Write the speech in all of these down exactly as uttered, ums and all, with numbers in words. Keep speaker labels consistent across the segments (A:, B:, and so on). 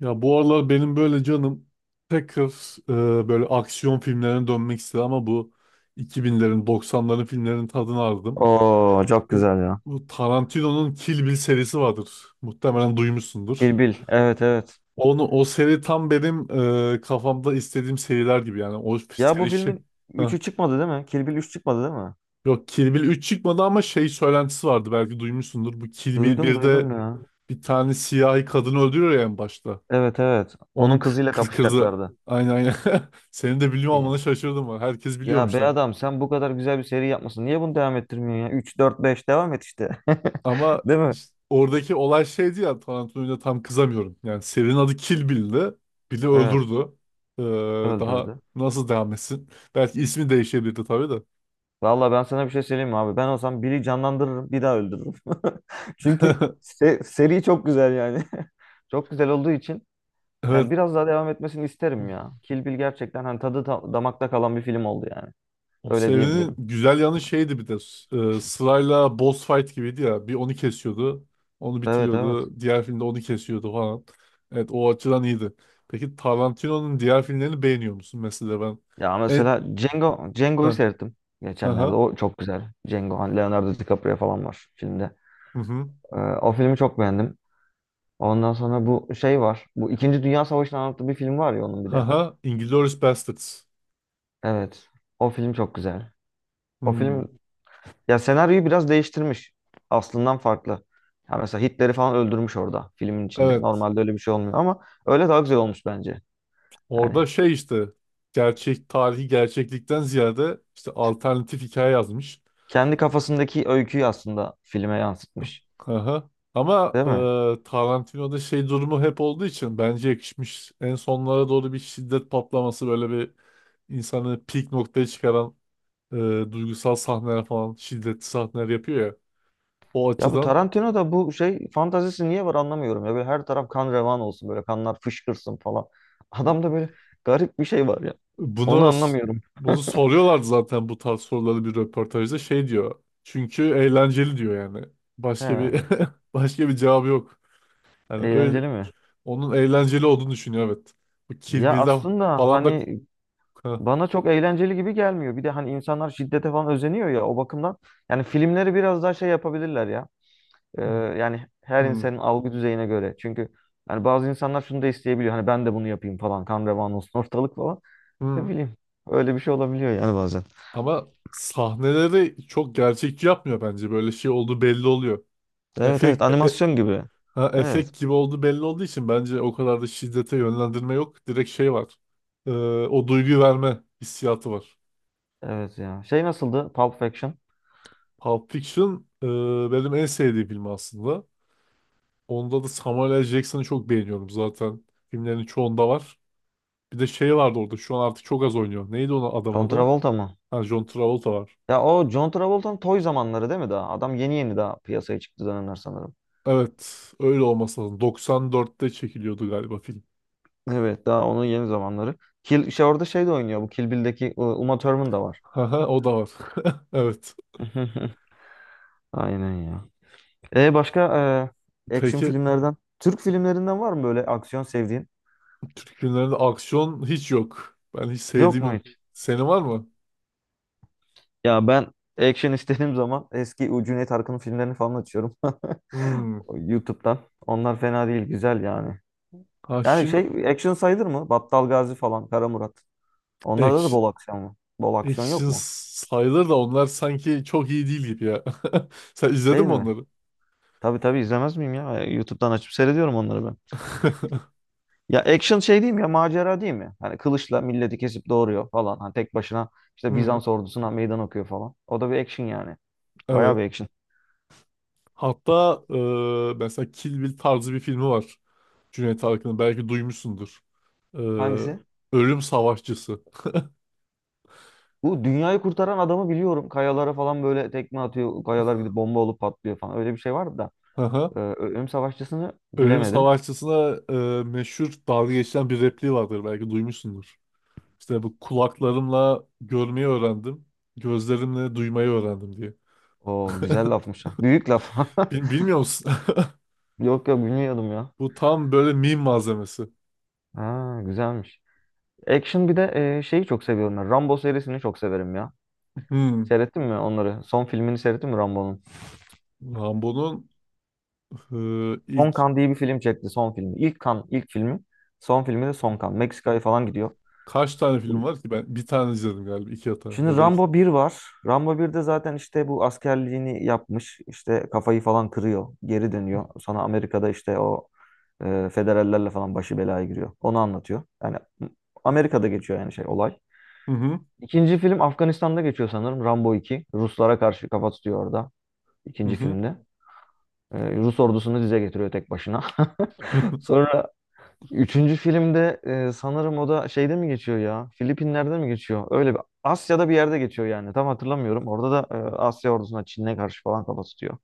A: Ya bu aralar benim böyle canım tekrar e, böyle aksiyon filmlerine dönmek istedim ama bu iki binlerin doksanların filmlerinin tadını aldım.
B: Oo çok
A: Bu,
B: güzel ya.
A: bu Tarantino'nun Kill Bill serisi vardır. Muhtemelen
B: Kill
A: duymuşsundur.
B: Bill. Evet evet.
A: Onu o seri tam benim e, kafamda istediğim seriler gibi yani o
B: Ya bu
A: seri şey.
B: filmin
A: Heh.
B: üçü çıkmadı değil mi? Kill Bill üç çıkmadı değil mi?
A: Yok, Kill Bill üç çıkmadı ama şey söylentisi vardı, belki duymuşsundur. Bu Kill Bill
B: Duydum duydum
A: birde
B: ya.
A: bir tane siyahi kadını öldürüyor ya en başta.
B: Evet evet. Onun
A: Onun kı-
B: kızıyla
A: kı- kızı.
B: kapışacaklardı.
A: Aynen, aynen. Senin de biliyor olmana
B: Ya.
A: şaşırdım var. Herkes
B: Ya
A: biliyormuş
B: be
A: lan.
B: adam sen bu kadar güzel bir seri yapmasın. Niye bunu devam ettirmiyorsun ya? Üç dört beş devam et işte.
A: Ama
B: Değil mi?
A: işte oradaki olay şeydi ya, Tarantino'ya tam kızamıyorum. Yani serinin adı Kill Bill'di. Bill'i
B: Evet.
A: öldürdü. Ee, Daha
B: Öldürdü.
A: nasıl devam etsin? Belki ismi değişebilirdi tabii de.
B: Vallahi ben sana bir şey söyleyeyim mi abi? Ben olsam Bill'i canlandırırım. Bir daha öldürürüm. Çünkü se- seri çok güzel yani. Çok güzel olduğu için yani
A: Evet.
B: biraz daha devam etmesini isterim ya. Kill Bill gerçekten hani tadı ta- damakta kalan bir film oldu yani.
A: O
B: Öyle
A: serinin
B: diyebilirim.
A: güzel yanı şeydi bir de e, sırayla boss fight gibiydi ya. Bir onu kesiyordu, onu
B: Evet evet.
A: bitiriyordu. Diğer filmde onu kesiyordu falan. Evet, o açıdan iyiydi. Peki Tarantino'nun diğer filmlerini beğeniyor musun? Mesela ben
B: Ya
A: e,
B: mesela Django,
A: ha,
B: Django'yu seyrettim
A: aha,
B: geçenlerde. O çok güzel. Django, hani Leonardo DiCaprio falan var filmde.
A: hı hı,
B: Ee, o filmi çok beğendim. Ondan sonra bu şey var. Bu İkinci Dünya Savaşı'nı anlattığı bir film var ya onun bir de.
A: aha, Inglourious Basterds.
B: Evet. O film çok güzel. O
A: Hmm,
B: film ya senaryoyu biraz değiştirmiş. Aslından farklı. Ya mesela Hitler'i falan öldürmüş orada filmin içinde.
A: evet.
B: Normalde öyle bir şey olmuyor ama öyle daha güzel olmuş bence.
A: Orada
B: Yani
A: şey işte gerçek tarihi gerçeklikten ziyade işte alternatif hikaye yazmış.
B: kendi kafasındaki öyküyü aslında filme yansıtmış.
A: Aha. Ama
B: Değil mi?
A: e, Tarantino'da şey durumu hep olduğu için bence yakışmış. En sonlara doğru bir şiddet patlaması, böyle bir insanı peak noktaya çıkaran e, duygusal sahneler falan, şiddetli sahneler yapıyor ya. O
B: Ya bu
A: açıdan
B: Tarantino'da bu şey fantazisi niye var anlamıyorum ya. Böyle her taraf kan revan olsun böyle kanlar fışkırsın falan. Adamda böyle garip bir şey var ya. Onu
A: bunu
B: anlamıyorum.
A: bunu soruyorlardı zaten, bu tarz soruları bir röportajda şey diyor. Çünkü eğlenceli diyor yani.
B: He,
A: Başka bir başka bir cevabı yok. Yani öyle,
B: eğlenceli mi?
A: onun eğlenceli olduğunu düşünüyor, evet. Bu Kill
B: Ya
A: Bill'de
B: aslında
A: falan da.
B: hani
A: Hı,
B: bana çok eğlenceli gibi gelmiyor. Bir de hani insanlar şiddete falan özeniyor ya o bakımdan. Yani filmleri biraz daha şey yapabilirler ya. Ee, yani her
A: hı.
B: insanın algı düzeyine göre. Çünkü yani bazı insanlar şunu da isteyebiliyor. Hani ben de bunu yapayım falan. Kan revan olsun ortalık falan. Ne
A: Hı.
B: bileyim. Öyle bir şey olabiliyor yani bazen.
A: Ama sahneleri çok gerçekçi yapmıyor bence. Böyle şey olduğu belli oluyor.
B: Evet evet
A: Efekt, e-
B: animasyon gibi.
A: ha,
B: Evet.
A: efekt gibi olduğu belli olduğu için bence o kadar da şiddete yönlendirme yok. Direkt şey var. Ee, O duyguyu verme hissiyatı var.
B: Evet ya. Şey nasıldı? Pulp Fiction.
A: Pulp Fiction e, benim en sevdiğim film aslında. Onda da Samuel L. Jackson'ı çok beğeniyorum zaten. Filmlerin çoğunda var. Bir de şey vardı orada. Şu an artık çok az oynuyor. Neydi onun adamın
B: John
A: adı?
B: Travolta mı?
A: Ha, John Travolta var.
B: Ya o John Travolta'nın toy zamanları değil mi daha? Adam yeni yeni daha piyasaya çıktı dönemler sanırım.
A: Evet, öyle olması lazım. doksan dörtte çekiliyordu galiba film.
B: Evet daha onun yeni zamanları. Kill, şey orada şey de oynuyor. Bu Kill Bill'deki e, Uma Thurman da var.
A: Haha, o da var. Evet.
B: Aynen ya. E başka e, action
A: Peki
B: filmlerden, Türk filmlerinden var mı böyle aksiyon sevdiğin?
A: günlerde aksiyon hiç yok. Ben hiç
B: Yok
A: sevdiğim
B: mu
A: yok.
B: hiç?
A: Senin var mı?
B: Ya ben action istediğim zaman eski o Cüneyt Arkın'ın filmlerini falan açıyorum
A: Hmm.
B: YouTube'dan. Onlar fena değil, güzel yani. Yani
A: Action,
B: şey action sayılır mı? Battal Gazi falan, Kara Murat. Onlarda da
A: action,
B: bol aksiyon mu? Bol aksiyon yok
A: action
B: mu?
A: sayılır da onlar sanki çok iyi değil gibi ya. Sen izledin
B: Değil
A: mi
B: mi?
A: onları?
B: Tabii tabii izlemez miyim ya? YouTube'dan açıp seyrediyorum onları ben. Ya action şey değil mi ya macera değil mi? Hani kılıçla milleti kesip doğuruyor falan. Hani tek başına işte
A: Hmm,
B: Bizans ordusuna meydan okuyor falan. O da bir action yani. Bayağı
A: evet.
B: bir action.
A: Hatta e, mesela Kill Bill tarzı bir filmi var. Cüneyt Arkın'ın. Belki duymuşsundur. E,
B: Hangisi?
A: Ölüm Savaşçısı.
B: Bu dünyayı kurtaran adamı biliyorum. Kayalara falan böyle tekme atıyor. Kayalar gidip bomba olup patlıyor falan. Öyle bir şey vardı da.
A: Haha.
B: Ee, Ölüm Savaşçısı'nı
A: Ölüm
B: bilemedim.
A: Savaşçısına e, meşhur dalga geçilen bir repliği vardır. Belki duymuşsundur. İşte bu kulaklarımla görmeyi öğrendim. Gözlerimle duymayı öğrendim diye.
B: Oo güzel lafmış ha. Büyük laf.
A: Bil- bilmiyor musun?
B: Yok yok bilmiyordum ya.
A: Bu tam böyle meme malzemesi.
B: Ha güzelmiş. Action bir de e, şeyi çok seviyorum ben. Rambo serisini çok severim ya.
A: Hmm.
B: Seyrettin mi onları? Son filmini seyrettin mi Rambo'nun?
A: Rambo'nun e,
B: Son
A: ilk
B: Kan diye bir film çekti son filmi. İlk Kan ilk filmi. Son filmi de Son Kan. Meksika'ya falan gidiyor.
A: kaç tane film var ki? Ben bir tane izledim galiba. İki hata
B: Şimdi
A: ya da iki.
B: Rambo bir var. Rambo birde zaten işte bu askerliğini yapmış. İşte kafayı falan kırıyor. Geri dönüyor. Sonra Amerika'da işte o e, federallerle falan başı belaya giriyor. Onu anlatıyor. Yani Amerika'da geçiyor yani şey olay.
A: Hı hı.
B: İkinci film Afganistan'da geçiyor sanırım. Rambo iki Ruslara karşı kafa tutuyor orada.
A: Hı
B: İkinci
A: hı.
B: filmde. E, Rus ordusunu dize getiriyor tek başına. Sonra üçüncü filmde e, sanırım o da şeyde mi geçiyor ya? Filipinler'de mi geçiyor? Öyle bir Asya'da bir yerde geçiyor yani. Tam hatırlamıyorum. Orada da e, Asya ordusuna Çin'e karşı falan kafa tutuyor.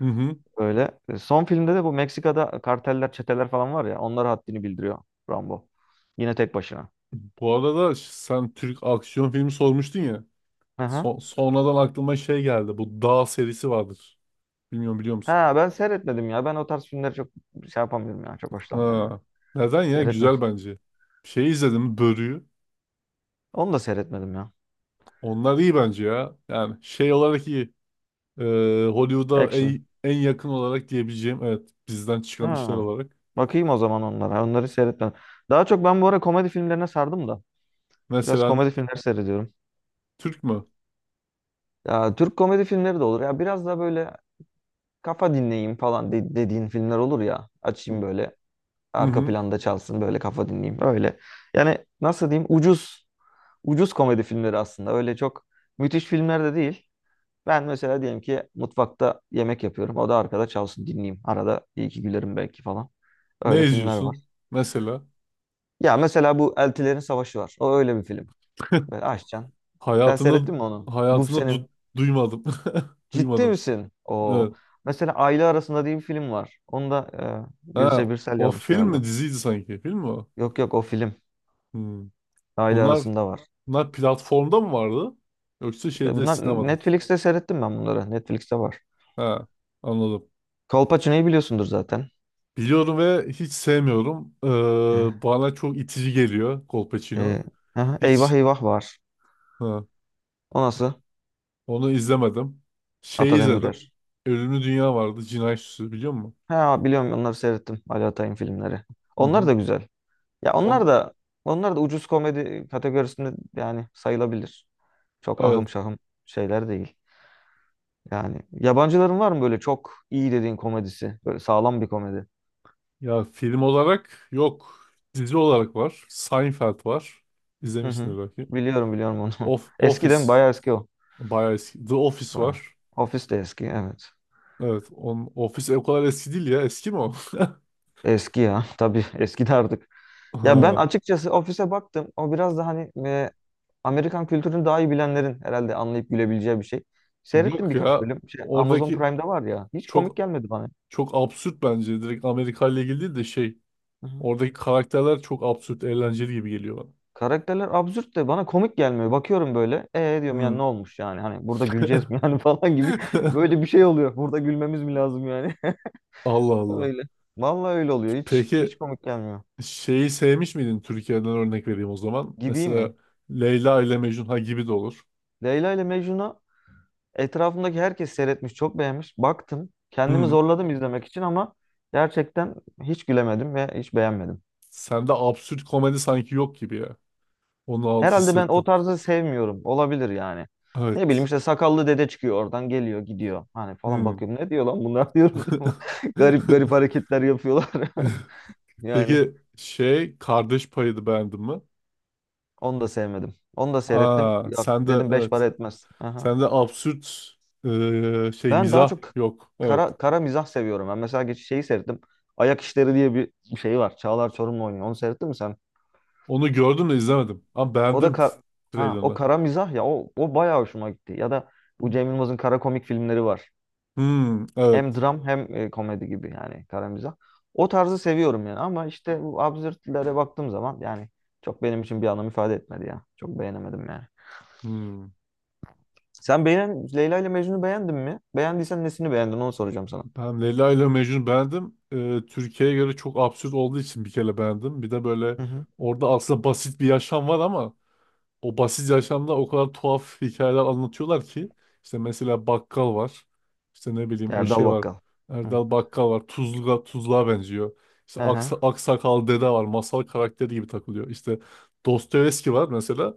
A: Hı hı.
B: Öyle. E, son filmde de bu Meksika'da karteller, çeteler falan var ya. Onlara haddini bildiriyor Rambo. Yine tek başına.
A: Bu arada ş- sen Türk aksiyon filmi sormuştun ya.
B: Hı hı.
A: So- sonradan aklıma şey geldi. Bu Dağ serisi vardır. Bilmiyorum, biliyor musun?
B: Ha ben seyretmedim ya. Ben o tarz filmleri çok şey yapamıyorum ya. Çok hoşlanmıyorum ya.
A: Ha. Neden ya?
B: Seyretmedim.
A: Güzel bence. Şey izledim. Börü'yü.
B: Onu da seyretmedim ya.
A: Onlar iyi bence ya. Yani şey olarak iyi. Ee, Hollywood'a
B: Action.
A: en, en yakın olarak diyebileceğim, evet, bizden çıkan işler
B: Ha.
A: olarak.
B: Bakayım o zaman onlara. Onları seyretmedim. Daha çok ben bu ara komedi filmlerine sardım da. Biraz
A: Mesela ne?
B: komedi filmleri seyrediyorum.
A: Türk mü?
B: Ya Türk komedi filmleri de olur. Ya biraz da böyle kafa dinleyeyim falan de- dediğin filmler olur ya.
A: Hı
B: Açayım böyle
A: hı.
B: arka
A: Hı.
B: planda çalsın böyle kafa dinleyeyim öyle. Yani nasıl diyeyim ucuz ucuz komedi filmleri aslında. Öyle çok müthiş filmler de değil. Ben mesela diyelim ki mutfakta yemek yapıyorum. O da arkada çalsın dinleyeyim. Arada iyi ki gülerim belki falan.
A: Ne
B: Öyle filmler var.
A: izliyorsun? Mesela
B: Ya mesela bu Eltilerin Savaşı var. O öyle bir film. Böyle açacaksın. Sen
A: hayatımda
B: seyrettin mi onu?
A: hayatımda du-
B: Gubse'nin
A: duymadım.
B: Ciddi
A: Duymadım.
B: misin? O
A: Evet.
B: mesela Aile Arasında diye bir film var. Onu da e,
A: Ha,
B: Gülse Birsel
A: o
B: yazmış
A: film mi
B: galiba.
A: diziydi sanki? Film mi o?
B: Yok yok o film
A: Hmm.
B: Aile
A: Bunlar
B: Arasında var.
A: bunlar platformda mı vardı? Yoksa
B: E,
A: şeyde,
B: bunlar
A: sinemada.
B: Netflix'te seyrettim ben bunları. Netflix'te var.
A: Ha, anladım.
B: Kolpaçino'yu biliyorsundur zaten.
A: Biliyorum ve hiç sevmiyorum.
B: E,
A: Ee, bana çok itici geliyor Colpacino.
B: e, aha,
A: Hiç,
B: Eyvah Eyvah var.
A: ha,
B: O nasıl?
A: onu izlemedim. Şey
B: Ata
A: izledim.
B: Demirer.
A: Ölümlü Dünya vardı. Cinayet Süsü biliyor musun?
B: Ha biliyorum onları seyrettim. Ali Atay'ın filmleri.
A: Hı
B: Onlar
A: hı.
B: da güzel. Ya
A: On,
B: onlar da onlar da ucuz komedi kategorisinde yani sayılabilir. Çok
A: evet.
B: ahım şahım şeyler değil. Yani yabancıların var mı böyle çok iyi dediğin komedisi? Böyle sağlam bir komedi.
A: Ya film olarak yok. Dizi olarak var. Seinfeld var.
B: Hı hı.
A: İzlemişsindir belki.
B: Biliyorum biliyorum onu.
A: Of,
B: Eski
A: Office.
B: değil mi? Bayağı eski o.
A: Bayağı eski. The Office
B: Ba-
A: var.
B: Ofis de eski evet.
A: Evet. On, Office o kadar eski değil ya. Eski mi o?
B: Eski ya tabii eski de artık. Ya ben
A: Ha,
B: açıkçası ofise baktım. O biraz da hani e, Amerikan kültürünü daha iyi bilenlerin herhalde anlayıp gülebileceği bir şey. Seyrettim
A: yok
B: birkaç
A: ya.
B: bölüm. Şey, Amazon
A: Oradaki
B: Prime'da var ya. Hiç komik
A: çok
B: gelmedi bana.
A: Çok absürt bence. Direkt Amerika ile ilgili değil de şey.
B: Hı hı.
A: Oradaki karakterler çok absürt, eğlenceli gibi geliyor bana.
B: Karakterler absürt de bana komik gelmiyor. Bakıyorum böyle. Ee diyorum yani ne
A: Hmm.
B: olmuş yani? Hani burada güleceğiz mi yani falan gibi. Böyle bir şey oluyor. Burada gülmemiz mi lazım yani?
A: Allah Allah.
B: Öyle. Vallahi öyle oluyor. Hiç hiç
A: Peki
B: komik gelmiyor.
A: şeyi sevmiş miydin, Türkiye'den örnek vereyim o zaman.
B: Gibi
A: Mesela
B: mi?
A: Leyla ile Mecnun, ha, gibi de olur.
B: Leyla ile Mecnun'u etrafımdaki herkes seyretmiş, çok beğenmiş. Baktım. Kendimi
A: Hmm.
B: zorladım izlemek için ama gerçekten hiç gülemedim ve hiç beğenmedim.
A: Sende absürt komedi sanki yok gibi ya. Onu alt
B: Herhalde ben o
A: hissettim.
B: tarzı sevmiyorum. Olabilir yani. Ne bileyim
A: Evet.
B: işte sakallı dede çıkıyor oradan geliyor gidiyor. Hani falan
A: Hmm.
B: bakıyorum ne diyor lan bunlar diyorum. Garip garip hareketler yapıyorlar. Yani
A: Peki şey Kardeş Payı'nı beğendin mi?
B: onu da sevmedim. Onu da seyrettim.
A: Aa,
B: Yok,
A: sen de,
B: dedim beş para
A: evet.
B: etmez. Aha.
A: Sende absürt eee, şey
B: Ben daha
A: mizah
B: çok
A: yok. Evet.
B: kara, kara mizah seviyorum. Ben mesela geç şeyi seyrettim. Ayak İşleri diye bir şey var. Çağlar Çorumlu oynuyor. Onu seyrettin mi sen?
A: Onu gördüm de izlemedim. Ama
B: O da
A: beğendim t-
B: kar Ha o
A: trailerını.
B: kara mizah ya o o bayağı hoşuma gitti. Ya da bu Cem Yılmaz'ın kara komik filmleri var.
A: Hmm,
B: Hem
A: evet.
B: dram hem e, komedi gibi yani kara mizah. O tarzı seviyorum yani ama işte bu absürtlere baktığım zaman yani çok benim için bir anlam ifade etmedi ya. Çok beğenemedim yani.
A: Hmm.
B: Sen beğen Leyla ile Mecnun'u beğendin mi? Beğendiysen nesini beğendin onu soracağım sana.
A: Ben Leyla ile Mecnun beğendim. Ee, Türkiye'ye göre çok absürt olduğu için bir kere beğendim. Bir de böyle
B: Hı hı.
A: orada aslında basit bir yaşam var ama o basit yaşamda o kadar tuhaf hikayeler anlatıyorlar ki, işte mesela bakkal var. İşte ne bileyim o
B: Erdal
A: şey var.
B: Bakkal. Hı.
A: Erdal Bakkal var. Tuzluğa, tuzluğa benziyor. İşte
B: Hı hı.
A: aksa, aksakal dede var. Masal karakteri gibi takılıyor. İşte Dostoyevski var mesela.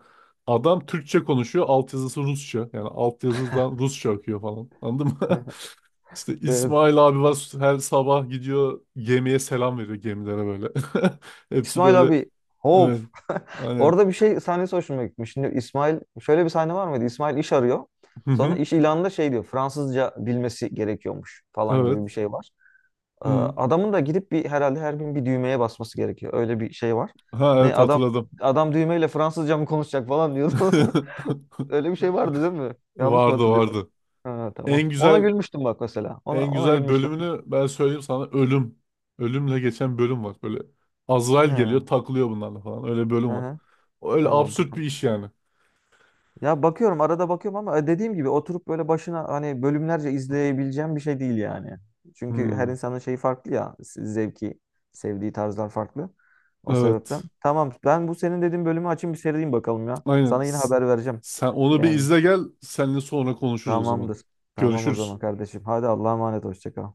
A: Adam Türkçe konuşuyor. Altyazısı Rusça. Yani altyazıdan Rusça akıyor falan. Anladın mı? İşte
B: Ee,
A: İsmail abi var. Her sabah gidiyor gemiye selam veriyor, gemilere böyle. Hepsi
B: İsmail
A: böyle.
B: abi hop.
A: Evet. Aynen.
B: Orada bir şey sahnesi hoşuma gitmiş. Şimdi İsmail şöyle bir sahne var mıydı? İsmail iş arıyor.
A: Hı
B: Sonra
A: hı.
B: iş ilanında şey diyor. Fransızca bilmesi gerekiyormuş falan gibi bir
A: Evet.
B: şey var. Ee,
A: Hı.
B: Adamın da gidip bir herhalde her gün bir düğmeye basması gerekiyor. Öyle bir şey var.
A: Ha,
B: Ne
A: evet,
B: adam
A: hatırladım.
B: adam düğmeyle Fransızca mı konuşacak falan diyordu. Öyle bir şey vardı değil mi? Yanlış mı
A: Vardı,
B: hatırlıyorum?
A: vardı.
B: Ha, tamam.
A: En
B: Ona
A: güzel
B: gülmüştüm bak mesela. Ona
A: en
B: ona
A: güzel
B: gülmüştüm.
A: bölümünü ben söyleyeyim sana, ölüm. Ölümle geçen bölüm var. Böyle Azrail geliyor,
B: He,
A: takılıyor bunlarla falan. Öyle
B: he,
A: bölüm var.
B: he.
A: Öyle
B: Tamam.
A: absürt bir iş yani.
B: Ya bakıyorum arada bakıyorum ama e, dediğim gibi oturup böyle başına hani bölümlerce izleyebileceğim bir şey değil yani. Çünkü her
A: Hmm.
B: insanın şeyi farklı ya zevki, sevdiği tarzlar farklı. O sebepten.
A: Evet.
B: Tamam ben bu senin dediğin bölümü açayım bir seyredeyim bakalım ya.
A: Aynen.
B: Sana yine
A: S-
B: haber vereceğim.
A: Sen onu bir
B: Yani
A: izle gel. Seninle sonra konuşuruz o zaman.
B: tamamdır. Tamam o
A: Görüşürüz.
B: zaman kardeşim. Hadi Allah'a emanet hoşça kal.